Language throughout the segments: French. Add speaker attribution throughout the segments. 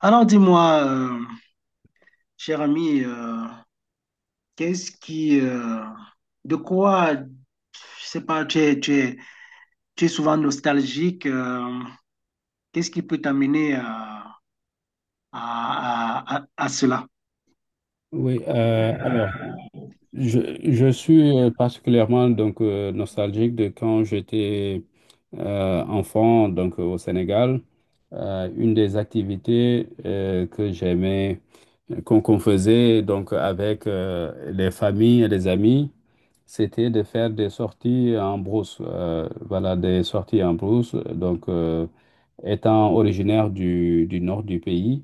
Speaker 1: Alors dis-moi, cher ami, qu'est-ce qui, euh, de quoi, je sais pas, tu es souvent nostalgique, qu'est-ce qui peut t'amener à cela?
Speaker 2: Oui, alors, je, je suis particulièrement donc, nostalgique de quand j'étais enfant donc, au Sénégal. Une des activités que j'aimais, qu'on faisait donc, avec les familles et les amis, c'était de faire des sorties en brousse. Voilà, des sorties en brousse. Donc, étant originaire du nord du pays,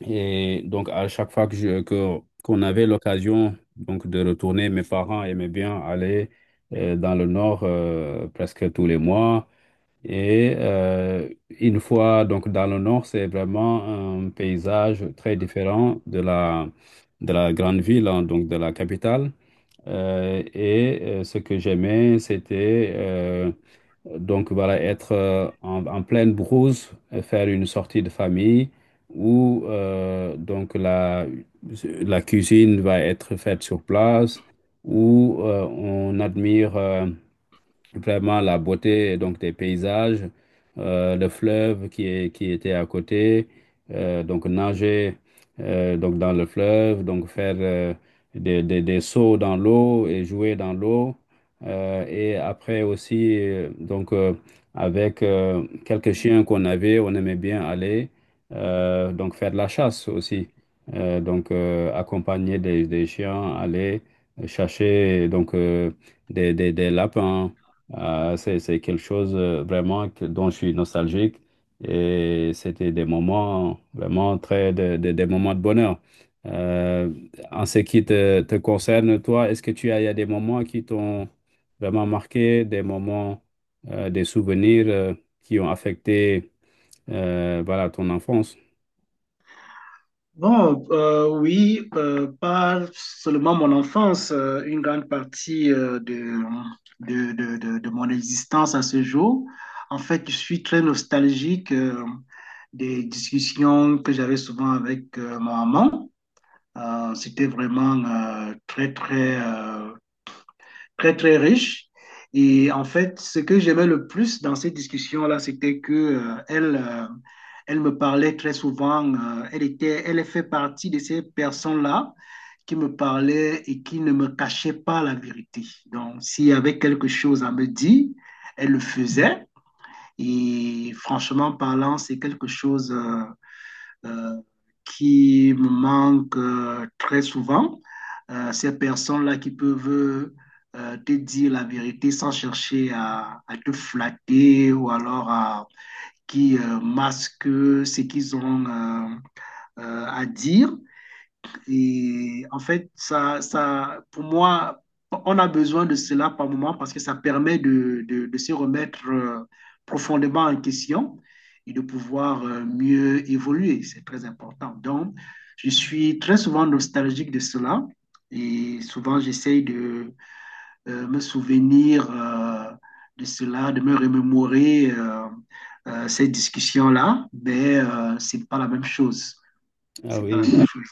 Speaker 2: et donc, à chaque fois qu'on avait l'occasion donc de retourner, mes parents aimaient bien aller dans le nord presque tous les mois. Et une fois donc dans le nord, c'est vraiment un paysage très différent de la grande ville, hein, donc de la capitale. Et ce que j'aimais, c'était donc voilà, être en pleine brousse, faire une sortie de famille où donc la cuisine va être faite sur place, où on admire vraiment la beauté donc des paysages, le fleuve qui était à côté, donc nager donc dans le fleuve, donc faire des sauts dans l'eau et jouer dans l'eau. Et après aussi, avec quelques chiens qu'on avait, on aimait bien aller donc faire de la chasse aussi. Accompagner des chiens, aller chercher donc des lapins, c'est quelque chose vraiment dont je suis nostalgique, et c'était des moments vraiment des moments de bonheur. Euh, En ce qui te concerne, toi, est-ce que tu as, il y a des moments qui t'ont vraiment marqué, des moments, des souvenirs qui ont affecté, voilà, ton enfance?
Speaker 1: Bon, oui, pas seulement mon enfance, une grande partie de mon existence à ce jour. En fait, je suis très nostalgique des discussions que j'avais souvent avec ma maman. C'était vraiment euh, très, très, euh, très, très riche. Et en fait, ce que j'aimais le plus dans ces discussions-là, c'était que elle me parlait très souvent. Elle était, elle fait partie de ces personnes-là qui me parlaient et qui ne me cachaient pas la vérité. Donc, s'il y avait quelque chose à me dire, elle le faisait. Et franchement parlant, c'est quelque chose euh, qui me manquent très souvent. Ces personnes-là qui peuvent te dire la vérité sans chercher à te flatter ou alors à, qui masquent ce qu'ils ont à dire. Et en fait, ça, pour moi, on a besoin de cela par moment parce que ça permet de se remettre profondément en question et de pouvoir mieux évoluer. C'est très important. Donc, je suis très souvent nostalgique de cela et souvent j'essaye de me souvenir de cela, de me remémorer cette discussion-là, mais c'est pas la même chose.
Speaker 2: Ah
Speaker 1: C'est pas la
Speaker 2: oui.
Speaker 1: même chose.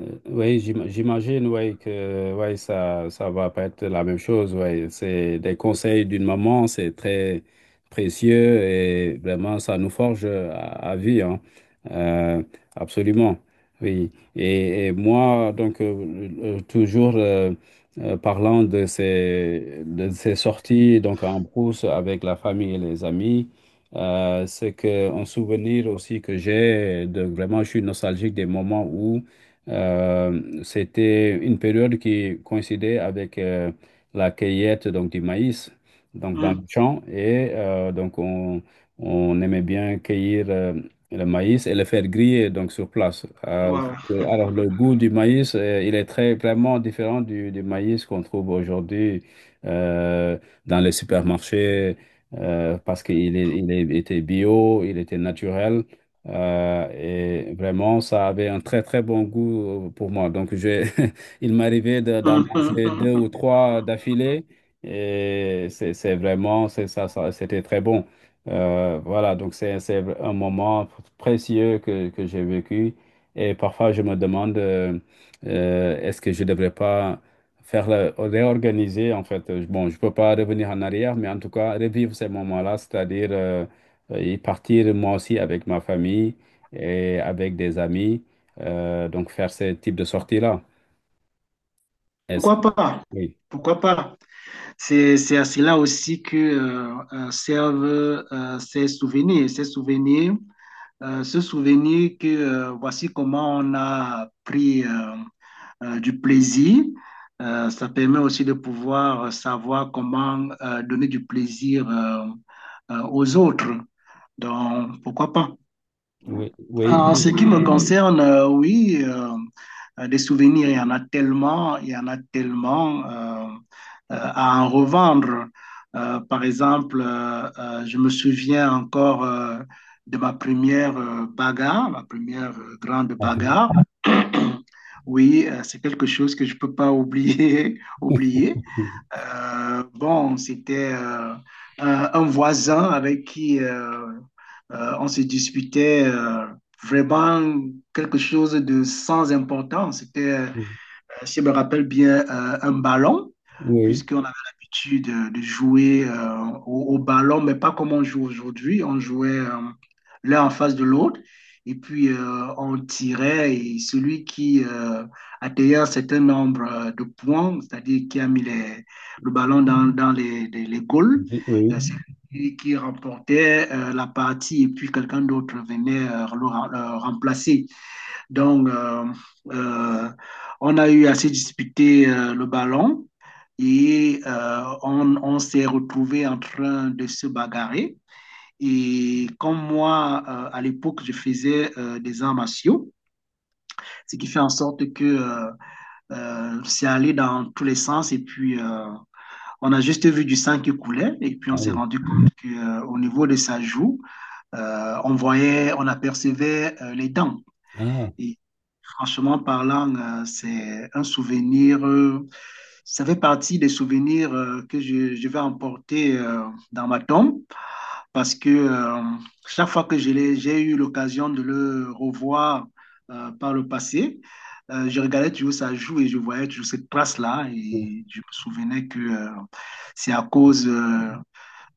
Speaker 2: Oui, j'imagine, oui, que ouais, ça va pas être la même chose. Ouais, c'est des conseils d'une maman, c'est très précieux et vraiment, ça nous forge à vie, hein. Euh, Absolument. Oui. Et moi, donc, toujours parlant de ces sorties donc en brousse avec la famille et les amis, c'est que un souvenir aussi que j'ai de vraiment, je suis nostalgique des moments où. C'était une période qui coïncidait avec la cueillette donc, du maïs donc, dans le
Speaker 1: Mmh.
Speaker 2: champ. Et donc, on aimait bien cueillir le maïs et le faire griller donc, sur place.
Speaker 1: Ouais, ouais.
Speaker 2: Alors, le goût du maïs, il est vraiment différent du maïs qu'on trouve aujourd'hui euh, dans les supermarchés, parce qu'il est- il est- était bio, il était naturel. Et vraiment, ça avait un très, très bon goût pour moi. Donc, j'ai, il m'arrivait d'en manger deux ou trois d'affilée. Et c'est vraiment, c'est c'était très bon. Voilà, donc c'est un moment précieux que j'ai vécu. Et parfois, je me demande, est-ce que je ne devrais pas réorganiser, en fait. Bon, je ne peux pas revenir en arrière, mais en tout cas, revivre ces moments-là, c'est-à-dire... y partir moi aussi avec ma famille et avec des amis, donc faire ce type de sortie-là. Est-ce
Speaker 1: Pourquoi
Speaker 2: que...
Speaker 1: pas?
Speaker 2: Oui,
Speaker 1: Pourquoi pas? C'est à cela aussi que servent ces souvenirs. Ces souvenirs, ce souvenir que voici comment on a pris du plaisir. Ça permet aussi de pouvoir savoir comment donner du plaisir aux autres. Donc, pourquoi pas?
Speaker 2: oui, oui,
Speaker 1: En ce
Speaker 2: oui.
Speaker 1: qui me concerne, oui, des souvenirs, il y en a tellement, il y en a tellement à en revendre. Par exemple, je me souviens encore de ma première bagarre, ma première grande
Speaker 2: Ah,
Speaker 1: bagarre. Oui, c'est quelque chose que je ne peux pas oublier, oublier. Bon, c'était un voisin avec qui on se disputait vraiment quelque chose de sans importance. C'était si je me rappelle bien, un ballon,
Speaker 2: oui,
Speaker 1: puisqu'on avait l'habitude de jouer au ballon, mais pas comme on joue aujourd'hui. On jouait l'un en face de l'autre, et puis on tirait, et celui qui atteignait un certain nombre de points, c'est-à-dire qui a mis le ballon dans les goals,
Speaker 2: oui, oui.
Speaker 1: c'est lui qui remportait la partie, et puis quelqu'un d'autre venait le remplacer. Donc, euh, on a eu assez disputé le ballon et on s'est retrouvé en train de se bagarrer. Et comme moi, à l'époque, je faisais des arts martiaux, ce qui fait en sorte que c'est allé dans tous les sens. Et puis, on a juste vu du sang qui coulait. Et puis, on
Speaker 2: Ah
Speaker 1: s'est
Speaker 2: oui.
Speaker 1: rendu compte qu'au niveau de sa joue, on voyait, on apercevait les dents.
Speaker 2: Ah,
Speaker 1: Et franchement parlant, c'est un souvenir, ça fait partie des souvenirs que je vais emporter dans ma tombe parce que chaque fois que j'ai eu l'occasion de le revoir par le passé, je regardais toujours ça joue et je voyais toujours cette trace-là et je me souvenais que c'est à cause euh,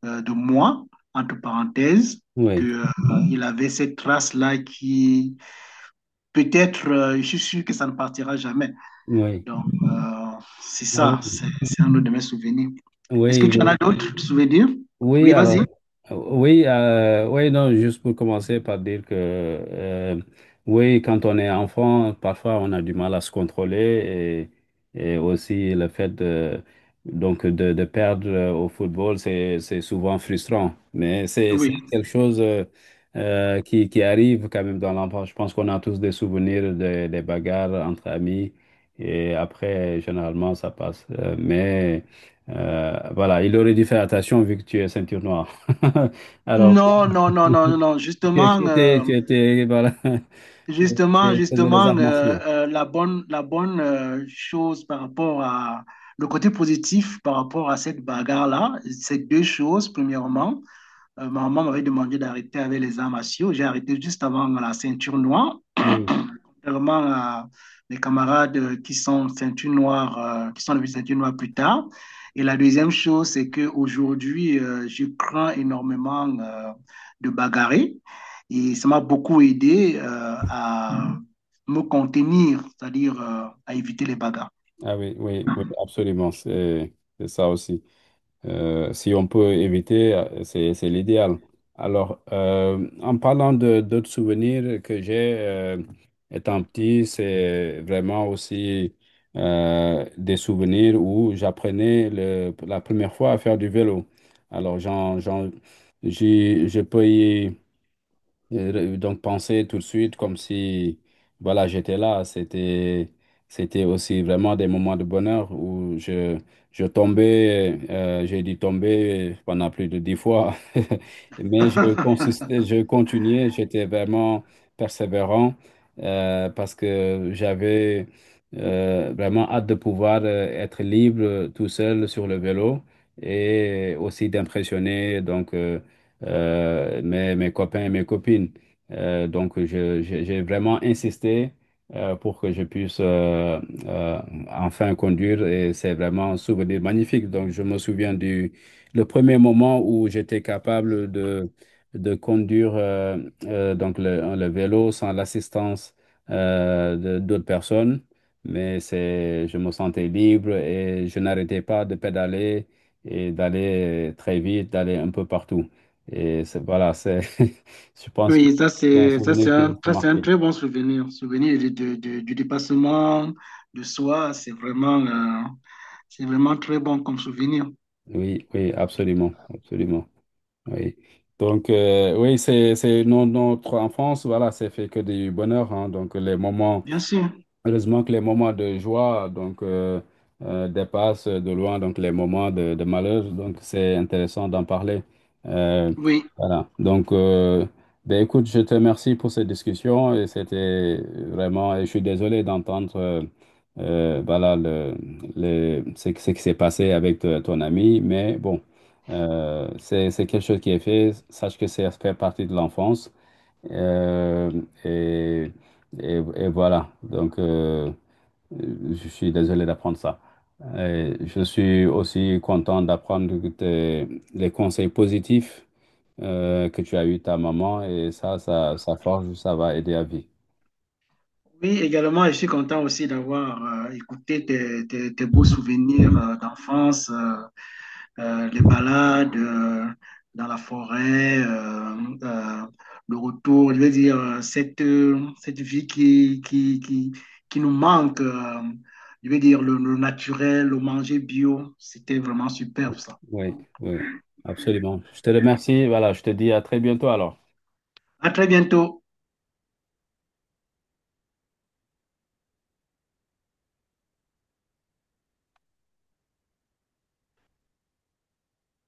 Speaker 1: euh, de moi, entre parenthèses, que,
Speaker 2: oui,
Speaker 1: il avait cette trace-là peut-être, je suis sûr que ça ne partira jamais.
Speaker 2: oui.
Speaker 1: Donc, c'est
Speaker 2: Ah
Speaker 1: ça, c'est
Speaker 2: oui.
Speaker 1: c'est un de mes souvenirs. Est-ce
Speaker 2: Oui,
Speaker 1: que tu en as
Speaker 2: oui.
Speaker 1: d'autres souvenirs?
Speaker 2: Oui,
Speaker 1: Oui,
Speaker 2: alors,
Speaker 1: vas-y.
Speaker 2: oui, oui, non, juste pour commencer par dire que, oui, quand on est enfant, parfois on a du mal à se contrôler, et aussi donc de perdre au football, c'est souvent frustrant. Mais c'est
Speaker 1: Oui.
Speaker 2: quelque chose, qui arrive quand même dans l'enfance. Je pense qu'on a tous des souvenirs des bagarres entre amis, et après, généralement, ça passe. Mais. Voilà, il aurait dû faire attention vu que tu es ceinture noire. Alors, bon,
Speaker 1: Non, non, non, non, non, non. Justement,
Speaker 2: tu étais, voilà, tu
Speaker 1: justement,
Speaker 2: tu faisais les
Speaker 1: justement,
Speaker 2: arts martiaux.
Speaker 1: la bonne chose par rapport à le côté positif par rapport à cette bagarre-là, c'est deux choses. Premièrement, ma maman m'avait demandé d'arrêter avec les arts martiaux. J'ai arrêté juste avant la ceinture noire.
Speaker 2: Oui.
Speaker 1: Vraiment, les camarades qui sont ceinture noire, qui sont devenus ceinture noire plus tard. Et la deuxième chose, c'est qu'aujourd'hui, je crains énormément de bagarrer. Et ça m'a beaucoup aidé à mmh. me contenir, c'est-à-dire à éviter les bagarres.
Speaker 2: Ah oui, oui, oui, absolument, c'est ça aussi. Si on peut éviter, c'est l'idéal. Alors, en parlant de d'autres souvenirs que j'ai, étant petit, c'est vraiment aussi des souvenirs où j'apprenais la première fois à faire du vélo. Alors, je peux y donc penser tout de suite, comme si voilà j'étais là. C'était aussi vraiment des moments de bonheur où je tombais, j'ai dû tomber pendant plus de 10 fois, mais je continuais, j'étais vraiment persévérant, parce que j'avais vraiment hâte de pouvoir être libre tout seul sur le vélo, et aussi d'impressionner donc mes copains et mes copines. Donc, j'ai vraiment insisté pour que je puisse euh, enfin conduire, et c'est vraiment un souvenir magnifique. Donc, je me souviens du le premier moment où j'étais capable de conduire, donc le vélo sans l'assistance d'autres personnes. Mais je me sentais libre et je n'arrêtais pas de pédaler et d'aller très vite, d'aller un peu partout. Et voilà, je pense que
Speaker 1: Oui, ça
Speaker 2: c'est un
Speaker 1: c'est ça c'est
Speaker 2: souvenir qui
Speaker 1: un,
Speaker 2: reste
Speaker 1: ça, c'est un
Speaker 2: marqué.
Speaker 1: très bon souvenir, souvenir du dépassement de soi, c'est vraiment très bon comme souvenir.
Speaker 2: Oui, oui, absolument, absolument. Oui. Donc, oui, c'est non, notre enfance, voilà, c'est fait que du bonheur, hein. Donc les moments.
Speaker 1: Bien sûr.
Speaker 2: Heureusement que les moments de joie donc, dépassent de loin donc, les moments de malheur. Donc, c'est intéressant d'en parler. Euh,
Speaker 1: Oui,
Speaker 2: voilà. Donc, ben, écoute, je te remercie pour cette discussion. Et c'était vraiment. Et je suis désolé d'entendre, voilà, ce qui s'est passé avec ton ami. Mais bon, c'est quelque chose qui est fait. Sache que ça fait partie de l'enfance. Euh, et, et voilà, donc je suis désolé d'apprendre ça. Et je suis aussi content d'apprendre les conseils positifs que tu as eu de ta maman, et ça forge, ça va aider à vie.
Speaker 1: Oui, également, je suis content aussi d'avoir écouté tes beaux souvenirs d'enfance, les balades dans la forêt, euh, le retour, je veux dire, cette vie qui nous manque, je veux dire, le naturel, le manger bio, c'était vraiment superbe ça.
Speaker 2: Oui, oui, absolument. Je te remercie. Voilà, je te dis à très bientôt alors.
Speaker 1: À très bientôt.